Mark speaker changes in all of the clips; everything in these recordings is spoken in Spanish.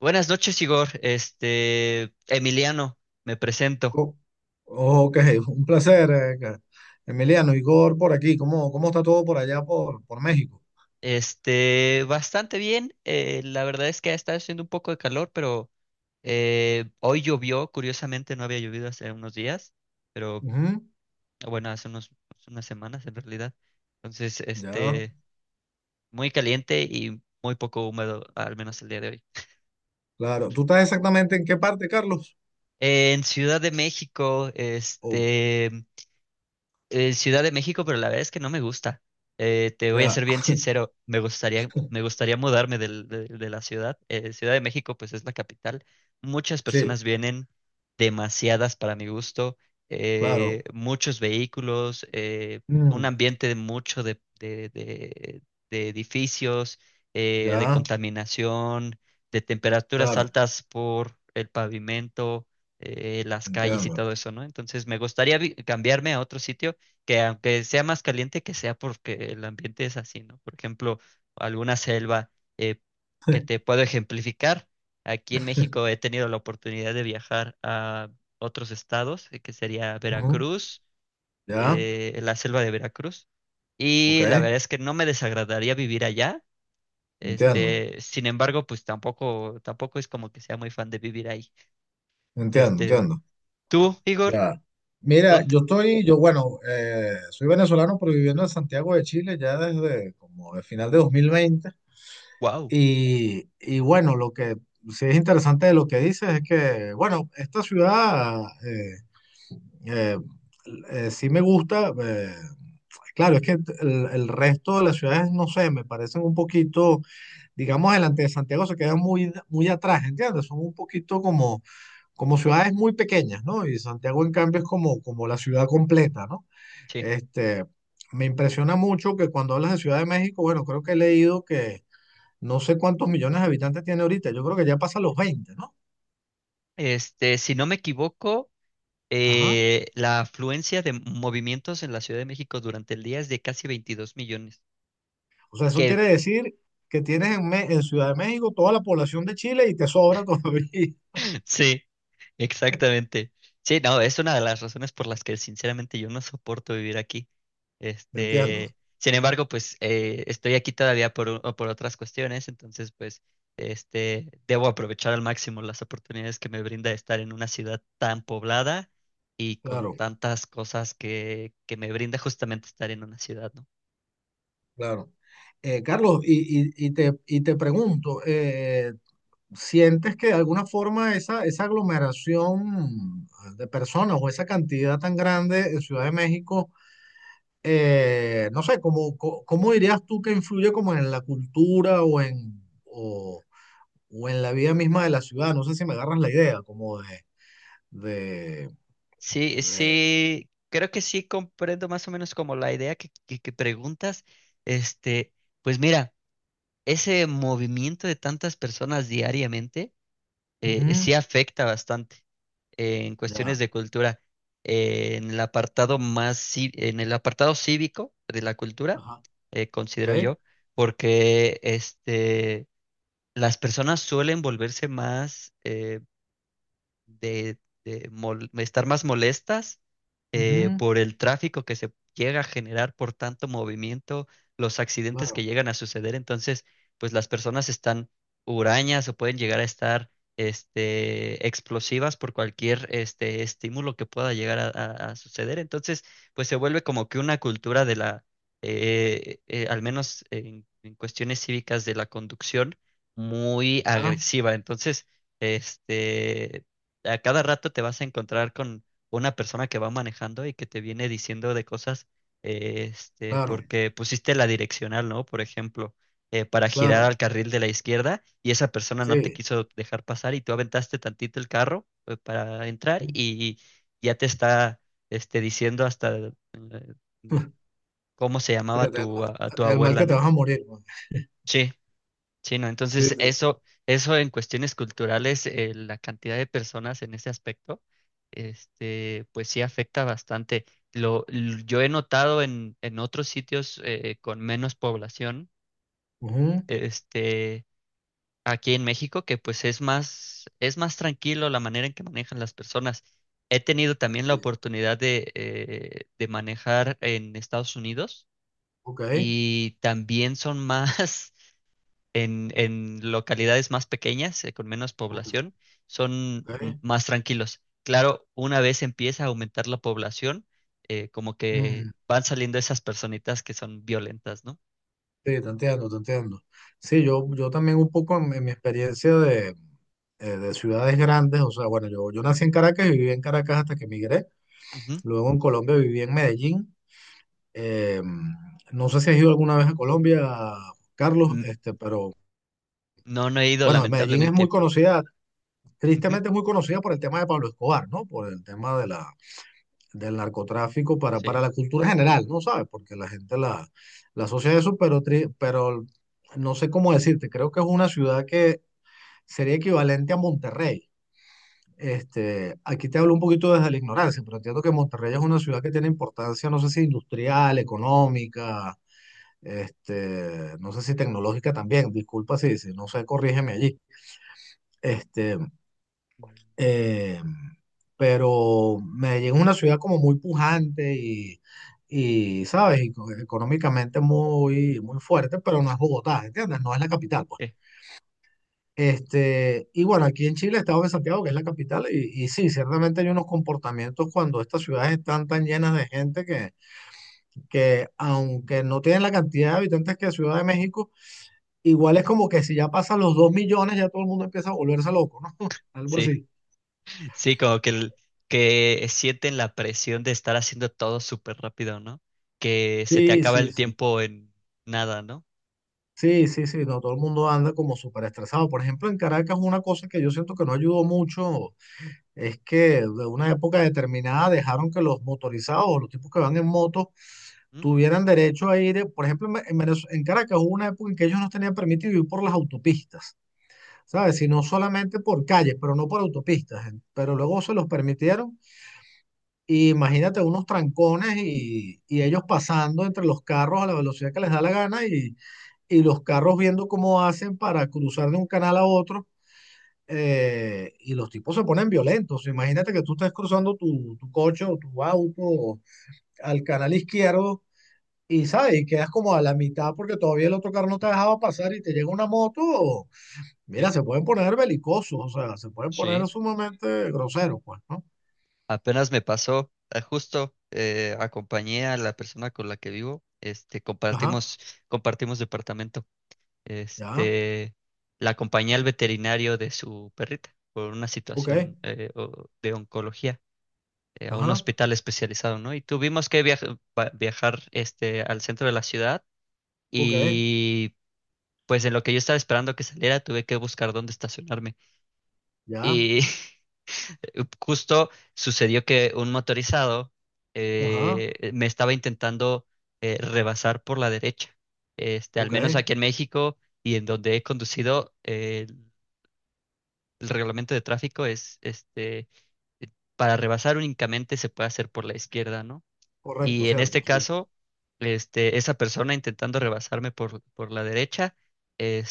Speaker 1: Buenas noches, Igor. Emiliano, me presento.
Speaker 2: Co- Ok, un placer, Emiliano, Igor, por aquí. ¿Cómo está todo por allá, por México?
Speaker 1: Bastante bien. La verdad es que ha estado haciendo un poco de calor, pero hoy llovió. Curiosamente, no había llovido hace unos días, pero
Speaker 2: Ujú.
Speaker 1: bueno, hace unas semanas en realidad. Entonces,
Speaker 2: Ya,
Speaker 1: muy caliente y muy poco húmedo, al menos el día de hoy.
Speaker 2: claro. ¿Tú estás exactamente en qué parte, Carlos?
Speaker 1: En Ciudad de México,
Speaker 2: Oh,
Speaker 1: Ciudad de México, pero la verdad es que no me gusta. Te voy a
Speaker 2: ya,
Speaker 1: ser bien sincero, me gustaría mudarme de la ciudad. Ciudad de México, pues es la capital. Muchas
Speaker 2: sí,
Speaker 1: personas vienen, demasiadas para mi gusto,
Speaker 2: claro.
Speaker 1: muchos vehículos, un
Speaker 2: Mm,
Speaker 1: ambiente de mucho de edificios, de
Speaker 2: ya,
Speaker 1: contaminación, de temperaturas
Speaker 2: claro,
Speaker 1: altas por el pavimento, las calles y
Speaker 2: entiendo.
Speaker 1: todo eso, ¿no? Entonces me gustaría cambiarme a otro sitio que aunque sea más caliente que sea porque el ambiente es así, ¿no? Por ejemplo, alguna selva, eh, que te puedo ejemplificar. Aquí en México he tenido la oportunidad de viajar a otros estados, que sería
Speaker 2: Ujú.
Speaker 1: Veracruz,
Speaker 2: Ya,
Speaker 1: la selva de Veracruz,
Speaker 2: ok,
Speaker 1: y la verdad es que no me desagradaría vivir allá.
Speaker 2: entiendo,
Speaker 1: Sin embargo, pues tampoco es como que sea muy fan de vivir ahí.
Speaker 2: entiendo,
Speaker 1: Este,
Speaker 2: entiendo.
Speaker 1: Tú, Igor,
Speaker 2: Ya. Mira,
Speaker 1: ¿dónde?
Speaker 2: yo bueno, soy venezolano, pero viviendo en Santiago de Chile ya desde como el final de 2020.
Speaker 1: Wow,
Speaker 2: Y bueno, lo que sí es interesante de lo que dices es que, bueno, esta ciudad eh, sí me gusta. Claro, es que el resto de las ciudades, no sé, me parecen un poquito, digamos, delante de Santiago se quedan muy, muy atrás, ¿entiendes? Son un poquito como, como ciudades muy pequeñas, ¿no? Y Santiago, en cambio, es como, como la ciudad completa, ¿no?
Speaker 1: sí.
Speaker 2: Este, me impresiona mucho que cuando hablas de Ciudad de México, bueno, creo que he leído que no sé cuántos millones de habitantes tiene ahorita, yo creo que ya pasa los 20, ¿no?
Speaker 1: Si no me equivoco,
Speaker 2: Ajá.
Speaker 1: La afluencia de movimientos en la Ciudad de México durante el día es de casi 22 millones.
Speaker 2: O sea, eso quiere
Speaker 1: Que
Speaker 2: decir que tienes en, en Ciudad de México toda la población de Chile y te sobra todavía.
Speaker 1: sí, exactamente. Sí, no, es una de las razones por las que sinceramente yo no soporto vivir aquí.
Speaker 2: ¿Me entiendo?
Speaker 1: Sin embargo, pues estoy aquí todavía por otras cuestiones, entonces pues debo aprovechar al máximo las oportunidades que me brinda estar en una ciudad tan poblada y con
Speaker 2: Claro,
Speaker 1: tantas cosas que me brinda justamente estar en una ciudad, ¿no?
Speaker 2: claro. Carlos, y te pregunto, ¿sientes que de alguna forma esa, esa aglomeración de personas o esa cantidad tan grande en Ciudad de México, no sé, ¿cómo, cómo dirías tú que influye como en la cultura o en... o en la vida misma de la ciudad, no sé si me agarras la idea, como de,
Speaker 1: Sí, sí, creo que sí comprendo más o menos como la idea que preguntas. Este, pues mira, ese movimiento de tantas personas diariamente,
Speaker 2: ujú,
Speaker 1: sí afecta bastante en cuestiones
Speaker 2: ya,
Speaker 1: de cultura. En el apartado cívico de la cultura,
Speaker 2: ajá,
Speaker 1: considero
Speaker 2: ok,
Speaker 1: yo, porque las personas suelen volverse más, de, estar más molestas,
Speaker 2: ujú,
Speaker 1: por el tráfico que se llega a generar por tanto movimiento, los accidentes que
Speaker 2: claro,
Speaker 1: llegan a suceder. Entonces, pues las personas están hurañas o pueden llegar a estar explosivas por cualquier estímulo que pueda llegar a suceder. Entonces, pues se vuelve como que una cultura de la, al menos en cuestiones cívicas de la conducción, muy
Speaker 2: ya,
Speaker 1: agresiva. Entonces, este, a cada rato te vas a encontrar con una persona que va manejando y que te viene diciendo de cosas,
Speaker 2: claro,
Speaker 1: porque pusiste la direccional, ¿no? Por ejemplo, para girar
Speaker 2: claro,
Speaker 1: al carril de la izquierda y esa persona no te
Speaker 2: sí,
Speaker 1: quiso dejar pasar y tú aventaste tantito el carro, para entrar y ya te está, diciendo hasta, mm, cómo se
Speaker 2: sí,
Speaker 1: llamaba
Speaker 2: hasta el,
Speaker 1: a tu
Speaker 2: hasta el mal
Speaker 1: abuela,
Speaker 2: que te
Speaker 1: ¿no?
Speaker 2: vas a morir, man.
Speaker 1: Sí. Sí, ¿no?
Speaker 2: Sí,
Speaker 1: Entonces,
Speaker 2: sí,
Speaker 1: eso en cuestiones culturales, la cantidad de personas en ese aspecto, pues sí afecta bastante. Yo he notado en otros sitios, con menos población,
Speaker 2: ujú,
Speaker 1: este, aquí en México, que pues es más tranquilo la manera en que manejan las personas. He tenido también la
Speaker 2: sí,
Speaker 1: oportunidad de manejar en Estados Unidos
Speaker 2: ok,
Speaker 1: y también son más en localidades más pequeñas, con menos
Speaker 2: ok,
Speaker 1: población, son
Speaker 2: ok,
Speaker 1: más tranquilos. Claro, una vez empieza a aumentar la población, como que
Speaker 2: mm,
Speaker 1: van saliendo esas personitas que son violentas, ¿no?
Speaker 2: sí, te entiendo, te entiendo. Sí, yo también un poco en mi experiencia de ciudades grandes, o sea, bueno, yo nací en Caracas y viví en Caracas hasta que emigré,
Speaker 1: Ujú.
Speaker 2: luego en Colombia viví en Medellín. Eh, no sé si has ido alguna vez a Colombia, Carlos,
Speaker 1: Mm.
Speaker 2: este, pero
Speaker 1: No, no he ido,
Speaker 2: bueno, Medellín es muy
Speaker 1: lamentablemente.
Speaker 2: conocida,
Speaker 1: Ujú.
Speaker 2: tristemente es muy conocida por el tema de Pablo Escobar, ¿no? Por el tema de la, del narcotráfico
Speaker 1: Sí.
Speaker 2: para la cultura general, ¿no sabes? Porque la gente la, la asocia a eso, pero, pero no sé cómo decirte, creo que es una ciudad que sería equivalente a Monterrey. Este, aquí te hablo un poquito desde la ignorancia, pero entiendo que Monterrey es una ciudad que tiene importancia, no sé si industrial, económica, este, no sé si tecnológica también, disculpa si, si no sé, corrígeme allí. Este,
Speaker 1: Mm,
Speaker 2: eh, pero Medellín es una ciudad como muy pujante y ¿sabes? Y económicamente muy, muy fuerte, pero no es Bogotá, ¿entiendes? No es la capital, pues.
Speaker 1: eh,
Speaker 2: Este, y bueno, aquí en Chile, Estado de Santiago, que es la capital, y sí, ciertamente hay unos comportamientos cuando estas ciudades están tan llenas de gente que aunque no tienen la cantidad de habitantes que Ciudad de México, igual es como que si ya pasan los 2 millones, ya todo el mundo empieza a volverse loco, ¿no? Algo
Speaker 1: Sí,
Speaker 2: así.
Speaker 1: sí, que sienten la presión de estar haciendo todo súper rápido, ¿no? Que se te
Speaker 2: Sí,
Speaker 1: acaba
Speaker 2: sí,
Speaker 1: el
Speaker 2: sí.
Speaker 1: tiempo en nada, ¿no?
Speaker 2: Sí, sí, sí. No, todo el mundo anda como súper estresado. Por ejemplo, en Caracas, una cosa que yo siento que no ayudó mucho es que de una época determinada dejaron que los motorizados o los tipos que van en moto
Speaker 1: Mm.
Speaker 2: tuvieran derecho a ir. Por ejemplo, en, en en Caracas hubo una época en que ellos no tenían permitido ir por las autopistas, ¿sabes? Sino solamente por calles, pero no por autopistas. Pero luego se los permitieron. Y imagínate unos trancones y ellos pasando entre los carros a la velocidad que les da la gana y los carros viendo cómo hacen para cruzar de un canal a otro. Y los tipos se ponen violentos. Imagínate que tú estés cruzando tu, tu coche o tu auto al canal izquierdo y, ¿sabes? Y quedas como a la mitad porque todavía el otro carro no te dejaba pasar y te llega una moto.
Speaker 1: Sí.
Speaker 2: Mira, se pueden poner belicosos, o sea, se pueden poner
Speaker 1: Sí.
Speaker 2: sumamente groseros, pues, ¿no?
Speaker 1: Apenas me pasó, justo acompañé a la persona con la que vivo,
Speaker 2: Ajá,
Speaker 1: compartimos departamento.
Speaker 2: ya,
Speaker 1: Este, la acompañé al veterinario de su perrita por una
Speaker 2: ok,
Speaker 1: situación, de oncología, a un
Speaker 2: ajá,
Speaker 1: hospital especializado, ¿no? Y tuvimos que viajar, al centro de la ciudad
Speaker 2: ok.
Speaker 1: y pues en lo que yo estaba esperando que saliera, tuve que buscar dónde estacionarme.
Speaker 2: Ya,
Speaker 1: Y justo sucedió que un motorizado
Speaker 2: ajá,
Speaker 1: me estaba intentando, rebasar por la derecha. Al
Speaker 2: ok,
Speaker 1: menos aquí en México y en donde he conducido, el reglamento de tráfico es, para rebasar únicamente se puede hacer por la izquierda, ¿no?
Speaker 2: correcto,
Speaker 1: Y en
Speaker 2: cierto,
Speaker 1: este
Speaker 2: sí.
Speaker 1: caso, esa persona intentando rebasarme por la derecha,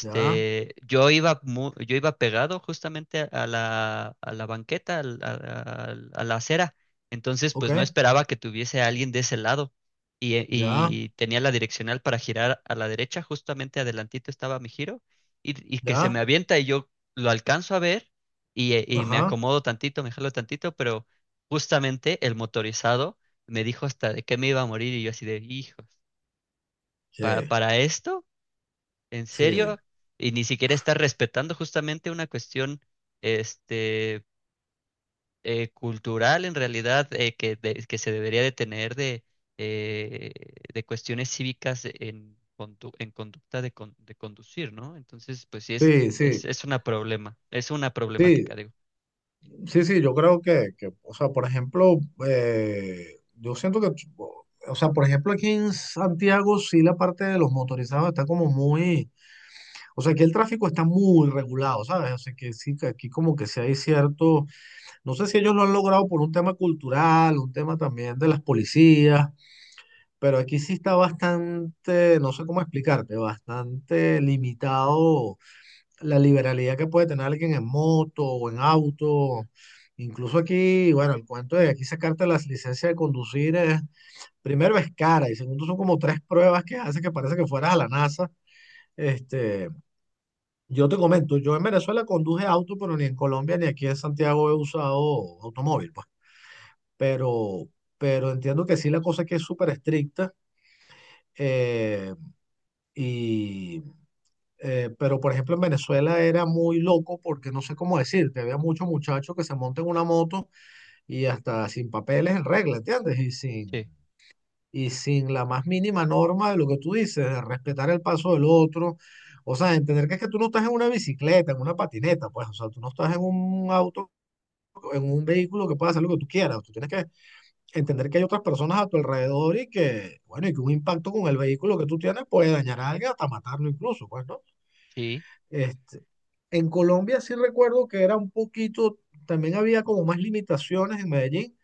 Speaker 2: Ya,
Speaker 1: yo iba pegado justamente a la banqueta, a la acera. Entonces,
Speaker 2: ok,
Speaker 1: pues no esperaba que tuviese a alguien de ese lado.
Speaker 2: ya,
Speaker 1: Y tenía la direccional para girar a la derecha, justamente adelantito estaba mi giro, y que se me
Speaker 2: ya,
Speaker 1: avienta y yo lo alcanzo a ver y me
Speaker 2: ajá,
Speaker 1: acomodo tantito, me jalo tantito, pero justamente el motorizado me dijo hasta de que me iba a morir y yo así de, hijos,
Speaker 2: sí,
Speaker 1: ¿para esto? ¿En
Speaker 2: sí,
Speaker 1: serio? Y ni siquiera está respetando justamente una cuestión este, cultural en realidad, que se debería de tener eh, de cuestiones cívicas en, en conducta de, de conducir, ¿no? Entonces, pues sí,
Speaker 2: sí, sí,
Speaker 1: es una problema, es una
Speaker 2: sí,
Speaker 1: problemática, digo.
Speaker 2: sí, sí, yo creo que, o sea, por ejemplo, yo siento que, o sea, por ejemplo, aquí en Santiago sí la parte de los motorizados está como muy, o sea, aquí el tráfico está muy regulado, ¿sabes? O sea, que sí, que aquí como que sí hay cierto, no sé si ellos lo han logrado por un tema cultural, un tema también de las policías. Pero aquí sí está bastante, no sé cómo explicarte, bastante limitado la liberalidad que puede tener alguien en moto o en auto. Incluso aquí, bueno, el cuento de aquí sacarte las licencias de conducir es, primero es cara y segundo son como tres pruebas que hace que parece que fueras a la NASA. Este, yo te comento, yo en Venezuela conduje auto, pero ni en Colombia ni aquí en Santiago he usado automóvil, pues. Pero, pero entiendo que sí la cosa aquí es súper estricta. Eh, Y, pero por ejemplo en Venezuela era muy loco porque no sé cómo decirte, había muchos muchachos que se montan en una moto y hasta sin papeles en regla, ¿entiendes?
Speaker 1: Sí,
Speaker 2: Y sin la más mínima norma de lo que tú dices, de respetar el paso del otro. O sea, entender que es que tú no estás en una bicicleta, en una patineta, pues, o sea, tú no estás en un auto, en un vehículo que pueda hacer lo que tú quieras. Tú tienes que entender que hay otras personas a tu alrededor y que, bueno, y que un impacto con el vehículo que tú tienes puede dañar a alguien hasta matarlo incluso, pues, ¿no?
Speaker 1: sí.
Speaker 2: Este, en Colombia sí recuerdo que era un poquito, también había como más limitaciones en Medellín,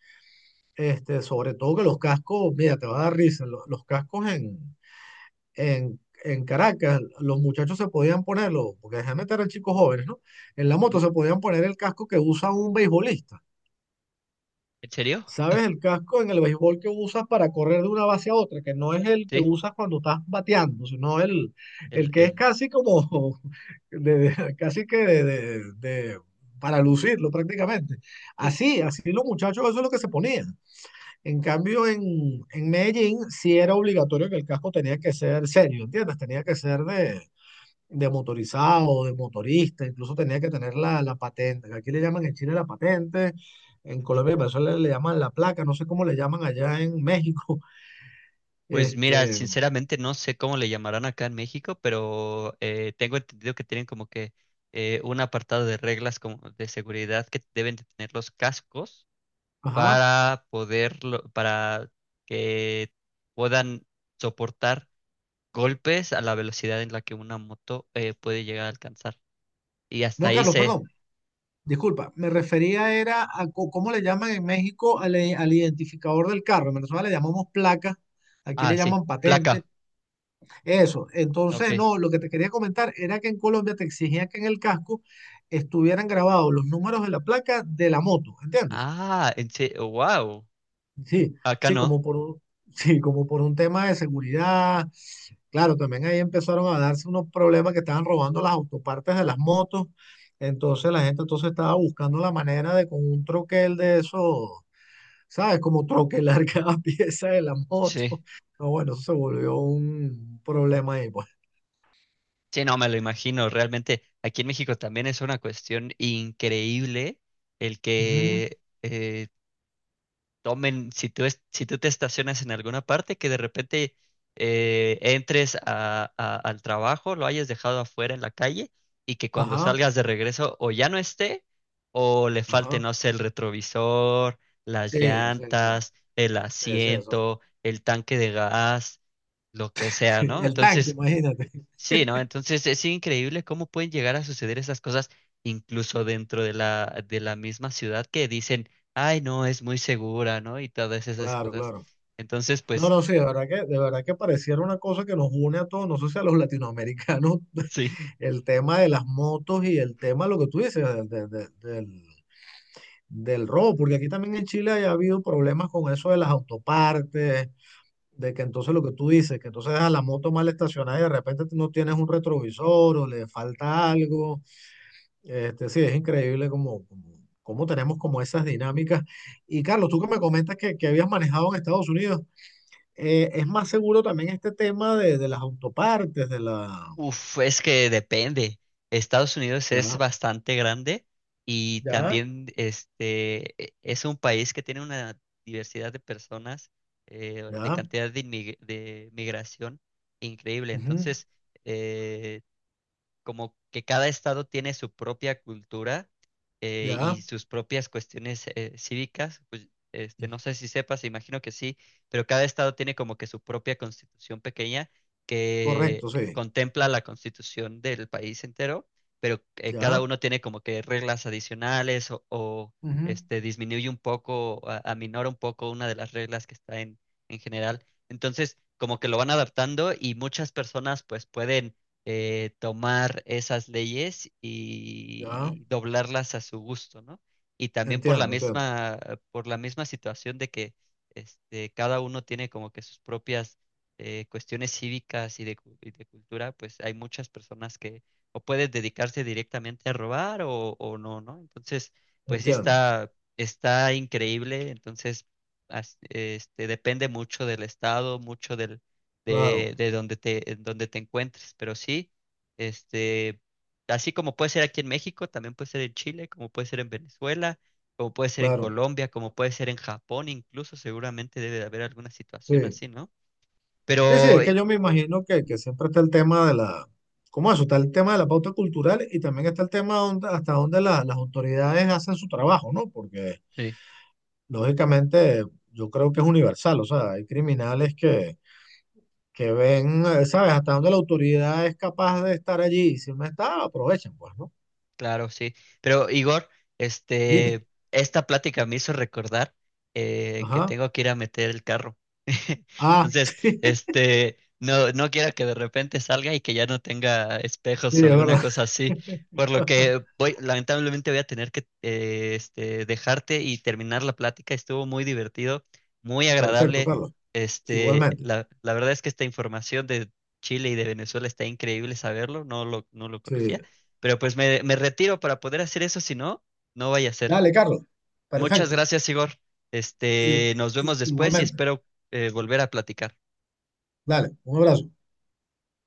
Speaker 2: este, sobre todo que los cascos, mira, te va a dar risa, los, cascos en Caracas, los muchachos se podían ponerlo, porque generalmente eran chicos jóvenes, ¿no? En la moto
Speaker 1: Ujú.
Speaker 2: se podían poner el casco que usa un beisbolista.
Speaker 1: ¿En serio?
Speaker 2: ¿Sabes? El casco en el béisbol que usas para correr de una base a otra, que no es el que
Speaker 1: Sí,
Speaker 2: usas cuando estás bateando, sino el
Speaker 1: el,
Speaker 2: que es
Speaker 1: el,
Speaker 2: casi como, casi que de, para lucirlo prácticamente.
Speaker 1: sí.
Speaker 2: Así, así los muchachos, eso es lo que se ponía. En cambio, en Medellín sí era obligatorio que el casco tenía que ser serio, ¿entiendes? Tenía que ser de motorizado, de motorista, incluso tenía que tener la, la patente, que aquí le llaman en Chile la patente, en Colombia y Venezuela le llaman la placa, no sé cómo le llaman allá en México.
Speaker 1: Pues mira,
Speaker 2: Este,
Speaker 1: sinceramente no sé cómo le llamarán acá en México, pero tengo entendido que tienen como que un apartado de reglas como de seguridad que deben de tener los cascos
Speaker 2: ajá.
Speaker 1: para poderlo, para que puedan soportar golpes a la velocidad en la que una moto puede llegar a alcanzar. Y hasta
Speaker 2: No,
Speaker 1: ahí
Speaker 2: Carlos, perdón,
Speaker 1: se.
Speaker 2: disculpa, me refería era a cómo le llaman en México al, al identificador del carro, en Venezuela le llamamos placa. Aquí le
Speaker 1: Ah, sí,
Speaker 2: llaman patente,
Speaker 1: placa.
Speaker 2: eso.
Speaker 1: Ok.
Speaker 2: Entonces, no, lo que te quería comentar era que en Colombia te exigían que en el casco estuvieran grabados los números de la placa de la moto, ¿entiendes?
Speaker 1: Ah, en sí, wow.
Speaker 2: Sí,
Speaker 1: Acá
Speaker 2: sí,
Speaker 1: no.
Speaker 2: como por un, sí, como por un tema de seguridad. Claro, también ahí empezaron a darse unos problemas que estaban robando las autopartes de las motos. Entonces la gente entonces estaba buscando la manera de con un troquel de eso, ¿sabes? Como troquelar cada pieza de la moto.
Speaker 1: Sí.
Speaker 2: No, bueno, eso se volvió un problema ahí, pues.
Speaker 1: Sí, no, me lo imagino. Realmente aquí en México también es una cuestión increíble el
Speaker 2: Ujú,
Speaker 1: que tomen, si tú te estacionas en alguna parte, que de repente entres al trabajo, lo hayas dejado afuera en la calle y que cuando
Speaker 2: ajá,
Speaker 1: salgas de regreso o ya no esté o le falte,
Speaker 2: ajá.
Speaker 1: no sé, el retrovisor, las
Speaker 2: Sí, sí, sí.
Speaker 1: llantas, el
Speaker 2: Sí, sí, eso.
Speaker 1: asiento, el tanque de gas, lo que sea, ¿no?
Speaker 2: El tanque,
Speaker 1: Entonces...
Speaker 2: imagínate.
Speaker 1: Sí, ¿no? Entonces es increíble cómo pueden llegar a suceder esas cosas incluso dentro de la misma ciudad que dicen, ay, no, es muy segura, ¿no? Y todas esas
Speaker 2: Claro,
Speaker 1: cosas.
Speaker 2: claro.
Speaker 1: Entonces,
Speaker 2: No,
Speaker 1: pues
Speaker 2: no, sí, de verdad que pareciera una cosa que nos une a todos, no sé si a los latinoamericanos,
Speaker 1: sí,
Speaker 2: el tema de las motos y el tema, lo que tú dices, del, del robo, porque aquí también en Chile haya habido problemas con eso de las autopartes, de que entonces lo que tú dices, que entonces dejas la moto mal estacionada y de repente tú no tienes un retrovisor o le falta algo. Este, sí, es increíble como, como, cómo tenemos como esas dinámicas. Y Carlos, tú que me comentas que habías manejado en Estados Unidos es más seguro también este tema de las autopartes, de la...
Speaker 1: uf, es que depende. Estados Unidos es
Speaker 2: Ya,
Speaker 1: bastante grande y
Speaker 2: ya,
Speaker 1: también es un país que tiene una diversidad de personas, de
Speaker 2: ya,
Speaker 1: cantidad de, inmig- de migración increíble.
Speaker 2: ujú,
Speaker 1: Entonces, eh, como que cada estado tiene su propia cultura,
Speaker 2: ya,
Speaker 1: y sus propias cuestiones, cívicas, pues no sé si sepas, imagino que sí, pero cada estado tiene como que su propia constitución pequeña que
Speaker 2: correcto, sí,
Speaker 1: contempla la constitución del país entero, pero cada
Speaker 2: ya,
Speaker 1: uno tiene como que reglas adicionales
Speaker 2: ujú,
Speaker 1: este, disminuye un poco, aminora un poco una de las reglas que está en general. Entonces, como que lo van adaptando y muchas personas pues pueden tomar esas leyes
Speaker 2: ya,
Speaker 1: y doblarlas a su gusto, ¿no? Y también
Speaker 2: entiendo, entiendo,
Speaker 1: por la misma situación de que cada uno tiene como que sus propias, cuestiones cívicas y de, y de cultura, pues hay muchas personas que o pueden dedicarse directamente a robar o no, ¿no? Entonces, pues sí
Speaker 2: entiendo,
Speaker 1: está, está increíble, entonces, depende mucho del estado, mucho del
Speaker 2: claro,
Speaker 1: de donde en donde te encuentres. Pero sí, este, así como puede ser aquí en México, también puede ser en Chile, como puede ser en Venezuela, como puede ser en
Speaker 2: claro,
Speaker 1: Colombia, como puede ser en Japón, incluso seguramente debe de haber alguna situación
Speaker 2: sí.
Speaker 1: así, ¿no?
Speaker 2: Sí, sí,
Speaker 1: Pero
Speaker 2: es que yo me imagino que siempre está el tema de la... ¿Cómo eso? Está el tema de la pauta cultural y también está el tema hasta donde las autoridades hacen su trabajo, ¿no? Porque
Speaker 1: sí.
Speaker 2: lógicamente yo creo que es universal, o sea, hay criminales que ven, ¿sabes? Hasta dónde la autoridad es capaz de estar allí. Si no está, aprovechan, pues, ¿no?
Speaker 1: Claro, sí. Pero Igor,
Speaker 2: Dime.
Speaker 1: esta plática me hizo recordar que
Speaker 2: Ajá.
Speaker 1: tengo que ir a meter el carro.
Speaker 2: Ah,
Speaker 1: Entonces,
Speaker 2: sí,
Speaker 1: no, no quiero que de repente salga y que ya no tenga espejos
Speaker 2: es
Speaker 1: o alguna
Speaker 2: verdad.
Speaker 1: cosa así. Por lo que voy, lamentablemente voy a tener que dejarte y terminar la plática. Estuvo muy divertido, muy
Speaker 2: Perfecto,
Speaker 1: agradable.
Speaker 2: Carlos. Igualmente.
Speaker 1: La verdad es que esta información de Chile y de Venezuela está increíble saberlo, no lo
Speaker 2: Sí.
Speaker 1: conocía. Pero pues me retiro para poder hacer eso, si no, no vaya a ser.
Speaker 2: Dale, Carlos.
Speaker 1: Muchas
Speaker 2: Perfecto.
Speaker 1: gracias, Igor.
Speaker 2: I-
Speaker 1: Nos vemos después y
Speaker 2: Igualmente.
Speaker 1: espero volver a platicar.
Speaker 2: Dale, un abrazo.